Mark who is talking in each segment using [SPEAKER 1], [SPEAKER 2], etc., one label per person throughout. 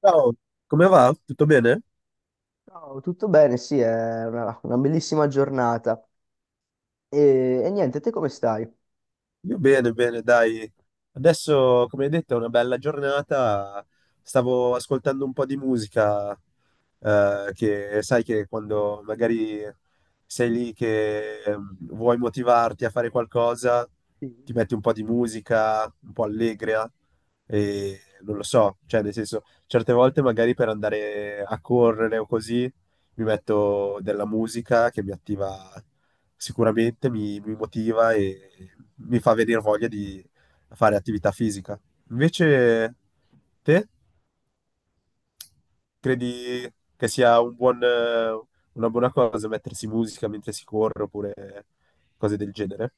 [SPEAKER 1] Ciao, come va? Tutto bene?
[SPEAKER 2] Ciao, tutto bene? Sì, è una bellissima giornata. E niente, te come stai?
[SPEAKER 1] Io bene, bene, dai. Adesso, come hai detto, è una bella giornata. Stavo ascoltando un po' di musica, che sai che quando magari sei lì che vuoi motivarti a fare qualcosa,
[SPEAKER 2] Sì.
[SPEAKER 1] ti metti un po' di musica, un po' allegra e non lo so, cioè nel senso, certe volte magari per andare a correre o così, mi metto della musica che mi attiva. Sicuramente mi motiva e mi fa venire voglia di fare attività fisica. Invece, te credi che sia un buon, una buona cosa mettersi musica mentre si corre oppure cose del genere?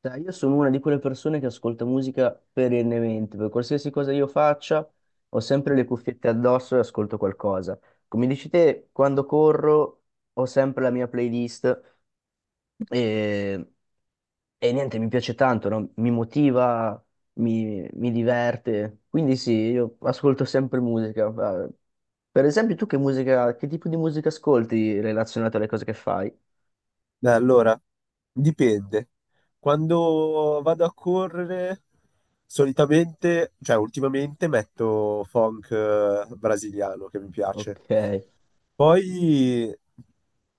[SPEAKER 2] Dai, io sono una di quelle persone che ascolta musica perennemente, per qualsiasi cosa io faccia, ho sempre le cuffiette addosso e ascolto qualcosa. Come dici te, quando corro ho sempre la mia playlist e, e niente, mi piace tanto, no? Mi motiva, mi diverte. Quindi sì, io ascolto sempre musica. Eh, Per esempio, tu che tipo di musica ascolti relazionato alle cose che fai?
[SPEAKER 1] Allora, dipende. Quando vado a correre, solitamente, cioè ultimamente metto funk brasiliano che mi piace.
[SPEAKER 2] Ok.
[SPEAKER 1] Poi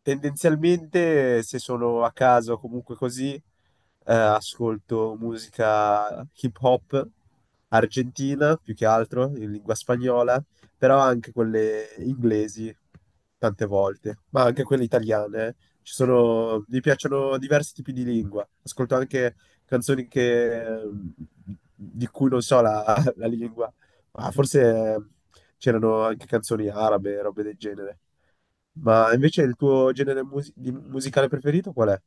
[SPEAKER 1] tendenzialmente se sono a casa o comunque così, ascolto musica hip hop argentina più che altro in lingua spagnola, però anche quelle inglesi tante volte, ma anche quelle italiane. Eh. Ci sono, mi piacciono diversi tipi di lingua. Ascolto anche canzoni che, di cui non so la, la lingua. Ah, forse c'erano anche canzoni arabe, robe del genere. Ma invece il tuo genere musicale preferito qual è?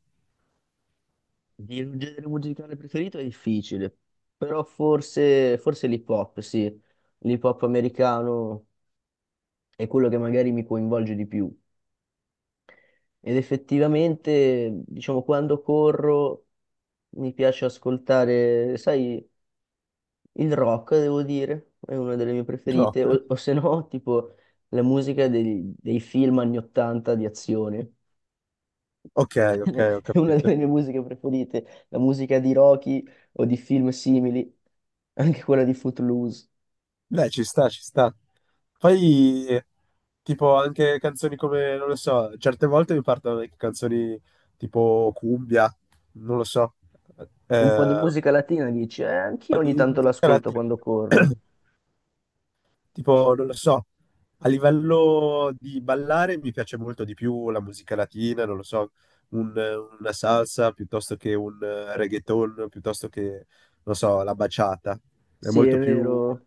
[SPEAKER 2] Il genere musicale preferito è difficile, però forse l'hip hop, sì. L'hip hop americano è quello che magari mi coinvolge di più. Ed effettivamente, diciamo, quando corro mi piace ascoltare, sai. Il rock, devo dire, è una delle mie
[SPEAKER 1] Il rock?
[SPEAKER 2] preferite, o se no, tipo la musica dei film anni 80 di azione,
[SPEAKER 1] Ok, ok, ho
[SPEAKER 2] è una
[SPEAKER 1] capito.
[SPEAKER 2] delle mie musiche preferite, la musica di Rocky o di film simili, anche quella di Footloose.
[SPEAKER 1] Beh, ci sta, ci sta. Poi, tipo, anche canzoni come, non lo so, certe volte mi partono anche canzoni tipo cumbia, non lo so,
[SPEAKER 2] Un po' di
[SPEAKER 1] eh,
[SPEAKER 2] musica latina dici, anch'io ogni
[SPEAKER 1] di
[SPEAKER 2] tanto
[SPEAKER 1] musica
[SPEAKER 2] l'ascolto
[SPEAKER 1] latina.
[SPEAKER 2] quando corro.
[SPEAKER 1] Tipo, non lo so, a livello di ballare mi piace molto di più la musica latina, non lo so, un- una salsa piuttosto che un reggaeton, piuttosto che, non lo so, la baciata. È
[SPEAKER 2] Sì,
[SPEAKER 1] molto
[SPEAKER 2] è
[SPEAKER 1] più
[SPEAKER 2] vero.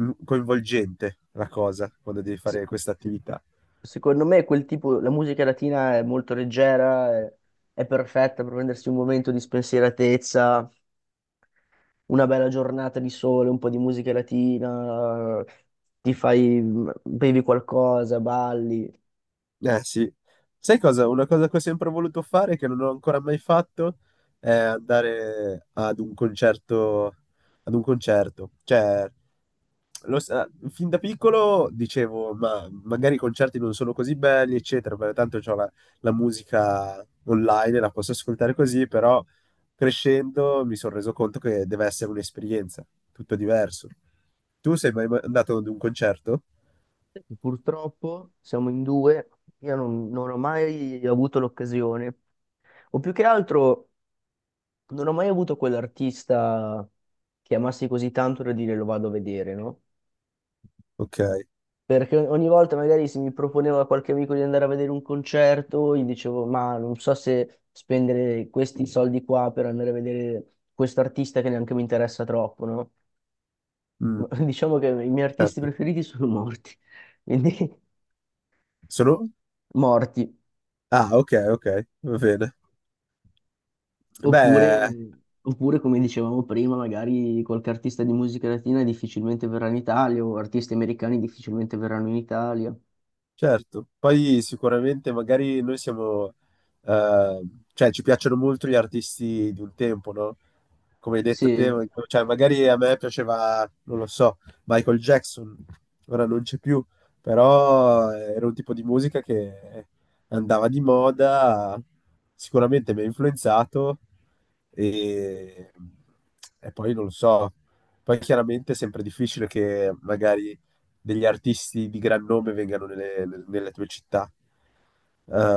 [SPEAKER 1] coinvolgente la cosa quando devi
[SPEAKER 2] Se-
[SPEAKER 1] fare questa attività.
[SPEAKER 2] Secondo me quel tipo, la musica latina è molto leggera, è perfetta per prendersi un momento di spensieratezza. Una bella giornata di sole, un po' di musica latina, ti fai, mhmm, bevi qualcosa, balli.
[SPEAKER 1] Eh sì, sai cosa? Una cosa che ho sempre voluto fare, che non ho ancora mai fatto, è andare ad un concerto, ad un concerto. Cioè, fin da piccolo dicevo, ma magari i concerti non sono così belli, eccetera, perché tanto c'ho la, la musica online, la posso ascoltare così, però crescendo mi sono reso conto che deve essere un'esperienza, tutto diverso. Tu sei mai andato ad un concerto?
[SPEAKER 2] Purtroppo siamo in due, io non ho mai avuto l'occasione, o più che altro non ho mai avuto quell'artista che amassi così tanto da dire lo vado a vedere, no?
[SPEAKER 1] Ok,
[SPEAKER 2] Perché ogni volta magari se mi proponeva qualche amico di andare a vedere un concerto, gli dicevo, ma non so se spendere questi soldi qua per andare a vedere questo artista che neanche mi interessa troppo, no?
[SPEAKER 1] mm,
[SPEAKER 2] Ma diciamo che i miei artisti
[SPEAKER 1] certo.
[SPEAKER 2] preferiti sono morti, quindi
[SPEAKER 1] Sono,
[SPEAKER 2] morti.
[SPEAKER 1] ah, ok, ok, va bene. Beh,
[SPEAKER 2] Oppure, oppure, come dicevamo prima, magari qualche artista di musica latina difficilmente verrà in Italia, o artisti americani difficilmente verranno in Italia.
[SPEAKER 1] certo. Poi sicuramente magari noi siamo, eh, cioè ci piacciono molto gli artisti di un tempo, no? Come hai detto
[SPEAKER 2] Sì,
[SPEAKER 1] te, cioè magari a me piaceva, non lo so, Michael Jackson, ora non c'è più, però era un tipo di musica che andava di moda, sicuramente mi ha influenzato e, e poi non lo so, poi chiaramente è sempre difficile che magari degli artisti di gran nome vengano nelle, nelle tue città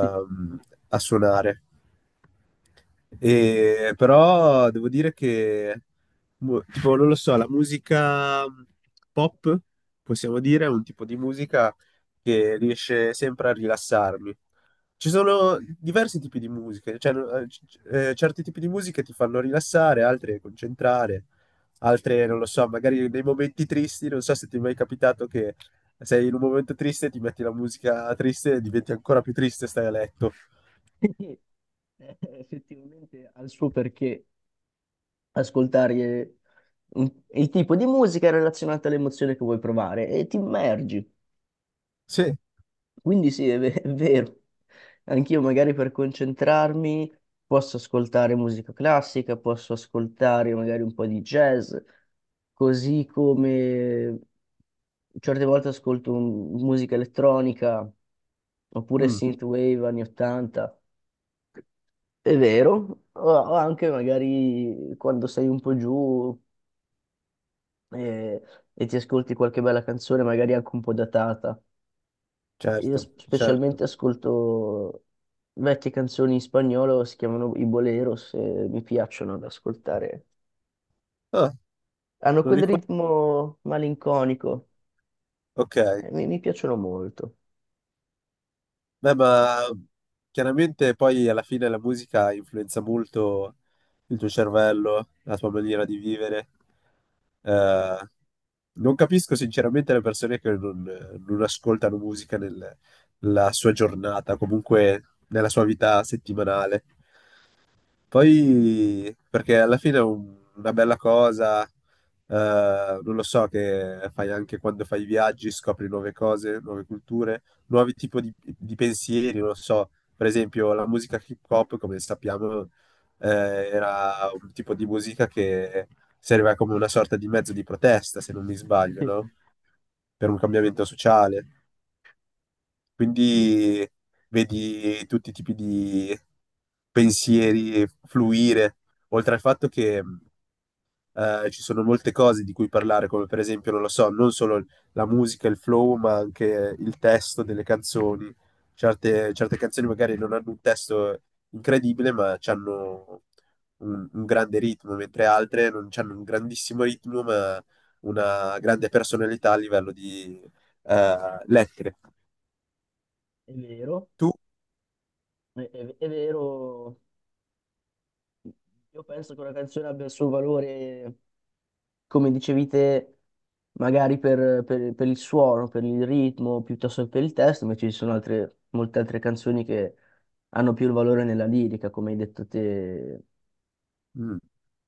[SPEAKER 2] sì.
[SPEAKER 1] a suonare. Però devo dire che, boh, tipo, non lo so, la musica pop, possiamo dire, è un tipo di musica che riesce sempre a rilassarmi. Ci sono diversi tipi di musiche, cioè, no, certi tipi di musiche ti fanno rilassare, altre concentrare, altre, non lo so, magari nei momenti tristi, non so se ti è mai capitato che sei in un momento triste, ti metti la musica triste e diventi ancora più triste e stai a letto.
[SPEAKER 2] Effettivamente ha il suo perché. Ascoltare il tipo di musica relazionata all'emozione che vuoi provare e ti immergi.
[SPEAKER 1] Sì.
[SPEAKER 2] Quindi sì, è vero. Anch'io magari per concentrarmi posso ascoltare musica classica, posso ascoltare magari un po' di jazz, così come certe volte ascolto musica elettronica oppure
[SPEAKER 1] Mm.
[SPEAKER 2] synthwave anni 80. È vero, o anche magari quando sei un po' giù e, e ti ascolti qualche bella canzone, magari anche un po' datata. Io
[SPEAKER 1] Certo, certo.
[SPEAKER 2] specialmente ascolto vecchie canzoni in spagnolo, si chiamano i boleros, e mi piacciono da ascoltare.
[SPEAKER 1] Ah,
[SPEAKER 2] Hanno
[SPEAKER 1] non
[SPEAKER 2] quel
[SPEAKER 1] li conosco.
[SPEAKER 2] ritmo malinconico,
[SPEAKER 1] Ok.
[SPEAKER 2] mi piacciono molto.
[SPEAKER 1] Beh, ma chiaramente poi alla fine la musica influenza molto il tuo cervello, la tua maniera di vivere. Eh, non capisco sinceramente le persone che non, non ascoltano musica nella sua giornata, comunque nella sua vita settimanale. Poi, perché alla fine è una bella cosa, non lo so, che fai anche quando fai viaggi, scopri nuove cose, nuove culture, nuovi tipi di pensieri, non lo so. Per esempio, la musica hip hop, come sappiamo, era un tipo di musica che serviva come una sorta di mezzo di protesta, se non mi sbaglio,
[SPEAKER 2] Sì,
[SPEAKER 1] no? Per un cambiamento sociale. Quindi vedi tutti i tipi di pensieri fluire, oltre al fatto che ci sono molte cose di cui parlare, come per esempio, non lo so, non solo la musica, il flow, ma anche il testo delle canzoni. Certe, certe canzoni magari non hanno un testo incredibile, ma hanno un grande ritmo, mentre altre non hanno un grandissimo ritmo, ma una grande personalità a livello di lettere.
[SPEAKER 2] è vero,
[SPEAKER 1] Tu?
[SPEAKER 2] è vero. Io penso che una canzone abbia il suo valore come dicevi te, magari per il suono, per il ritmo, piuttosto che per il testo, invece ci sono altre, molte altre canzoni che hanno più il valore nella lirica, come hai detto te.
[SPEAKER 1] Mm,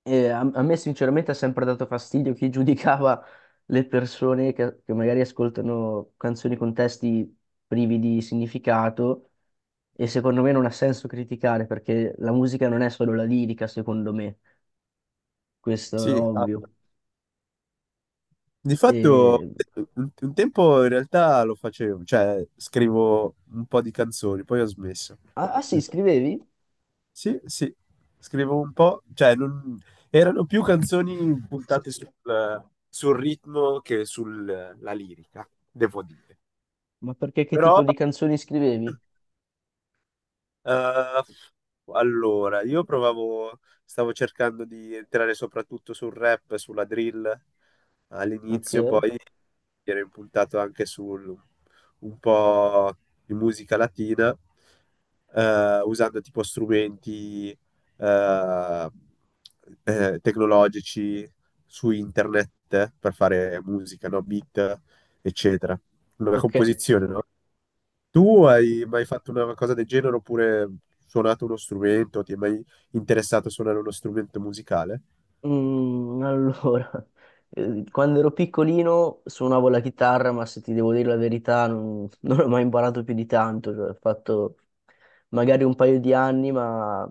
[SPEAKER 2] E a me sinceramente ha sempre dato fastidio chi giudicava le persone che magari ascoltano canzoni con testi privi di significato e secondo me non ha senso criticare perché la musica non è solo la lirica, secondo me, questo è
[SPEAKER 1] sì, ah,
[SPEAKER 2] ovvio.
[SPEAKER 1] di fatto
[SPEAKER 2] E...
[SPEAKER 1] un tempo in realtà lo facevo, cioè scrivo un po' di canzoni, poi ho smesso.
[SPEAKER 2] Ah, ah sì, scrivevi?
[SPEAKER 1] Sì, sì, scrivo un po', cioè erano più canzoni puntate sul, sul ritmo che sulla lirica, devo dire.
[SPEAKER 2] Ma perché che
[SPEAKER 1] Però
[SPEAKER 2] tipo di canzoni scrivevi?
[SPEAKER 1] eh, allora, io provavo, stavo cercando di entrare soprattutto sul rap, sulla drill
[SPEAKER 2] Ok,
[SPEAKER 1] all'inizio, poi mi ero impuntato anche sul un po' di musica latina, usando tipo strumenti eh, tecnologici su internet per fare musica, no? Beat, eccetera. Una
[SPEAKER 2] ok.
[SPEAKER 1] composizione, no? Tu hai
[SPEAKER 2] Sì.
[SPEAKER 1] mai fatto una cosa del genere oppure suonato uno strumento? Ti è mai interessato a suonare uno strumento musicale?
[SPEAKER 2] Mm, allora, quando ero piccolino suonavo la chitarra, ma se ti devo dire la verità non, non ho mai imparato più di tanto, cioè, ho fatto magari un paio di anni, ma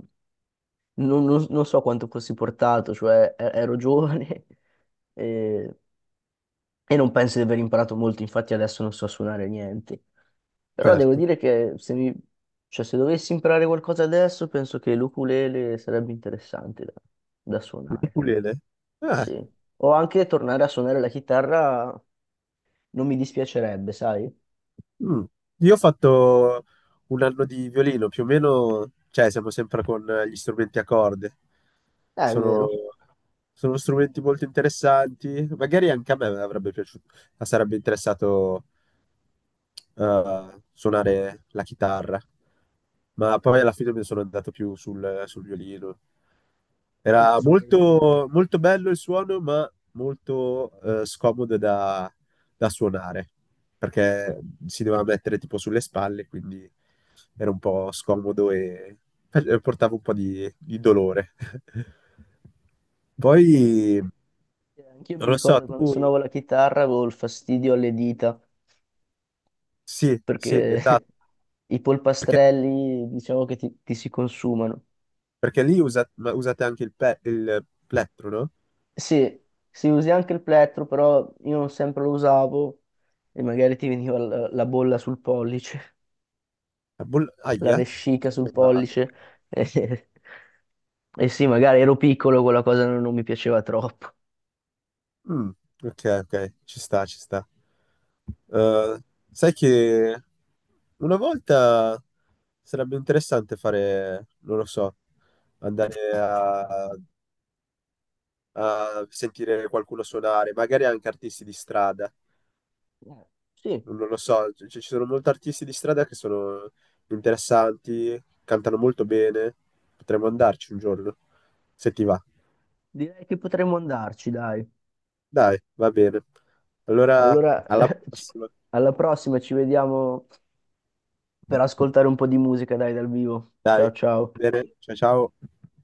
[SPEAKER 2] non so quanto fossi portato, cioè ero giovane, e e non penso di aver imparato molto, infatti adesso non so suonare niente. Però devo
[SPEAKER 1] Certo.
[SPEAKER 2] dire che se mi... Cioè, se dovessi imparare qualcosa adesso, penso che l'ukulele sarebbe interessante da, da suonare.
[SPEAKER 1] L'ukulele? Ah,
[SPEAKER 2] Sì. O anche tornare a suonare la chitarra non mi dispiacerebbe, sai?
[SPEAKER 1] mm. Io ho fatto un anno di violino, più o meno, cioè siamo sempre con gli strumenti a corde.
[SPEAKER 2] È
[SPEAKER 1] Sono,
[SPEAKER 2] vero.
[SPEAKER 1] sono strumenti molto interessanti, magari anche a me avrebbe piaciuto, sarebbe interessato suonare la chitarra, ma poi alla fine mi sono andato più sul, sul violino.
[SPEAKER 2] È come
[SPEAKER 1] Era
[SPEAKER 2] suonare il violino.
[SPEAKER 1] molto, molto bello il suono, ma molto scomodo da, da suonare, perché si doveva mettere tipo sulle spalle, quindi era un po' scomodo e e portava un po' di dolore. Poi,
[SPEAKER 2] Ok. Anch'io
[SPEAKER 1] non
[SPEAKER 2] mi
[SPEAKER 1] lo so,
[SPEAKER 2] ricordo quando
[SPEAKER 1] tu...
[SPEAKER 2] suonavo la chitarra avevo il fastidio alle dita,
[SPEAKER 1] Sì, sì,
[SPEAKER 2] perché
[SPEAKER 1] esatto.
[SPEAKER 2] i
[SPEAKER 1] Perché
[SPEAKER 2] polpastrelli diciamo che ti si consumano.
[SPEAKER 1] perché ma usate anche il, il plettro, no?
[SPEAKER 2] Sì, si usi anche il plettro, però io non sempre lo usavo e magari ti veniva la bolla sul pollice,
[SPEAKER 1] La
[SPEAKER 2] la
[SPEAKER 1] aia.
[SPEAKER 2] vescica sul
[SPEAKER 1] Ma-
[SPEAKER 2] pollice. E, e sì, magari ero piccolo, quella cosa non mi piaceva troppo.
[SPEAKER 1] mm, ok, ok, ci sta, ci sta. Eh, sai che una volta sarebbe interessante fare, non lo so, andare a, a sentire qualcuno suonare, magari anche artisti di strada.
[SPEAKER 2] Eh, Sì,
[SPEAKER 1] Non, non lo so, cioè, ci sono molti artisti di strada che sono interessanti, cantano molto bene, potremmo andarci un giorno, se ti va.
[SPEAKER 2] direi che potremmo andarci, dai.
[SPEAKER 1] Dai, va bene. Allora,
[SPEAKER 2] Allora,
[SPEAKER 1] alla
[SPEAKER 2] ci-
[SPEAKER 1] prossima.
[SPEAKER 2] alla prossima, ci vediamo per ascoltare un po' di musica, dai, dal vivo.
[SPEAKER 1] Dai,
[SPEAKER 2] Ciao, ciao.
[SPEAKER 1] bene, ciao ciao.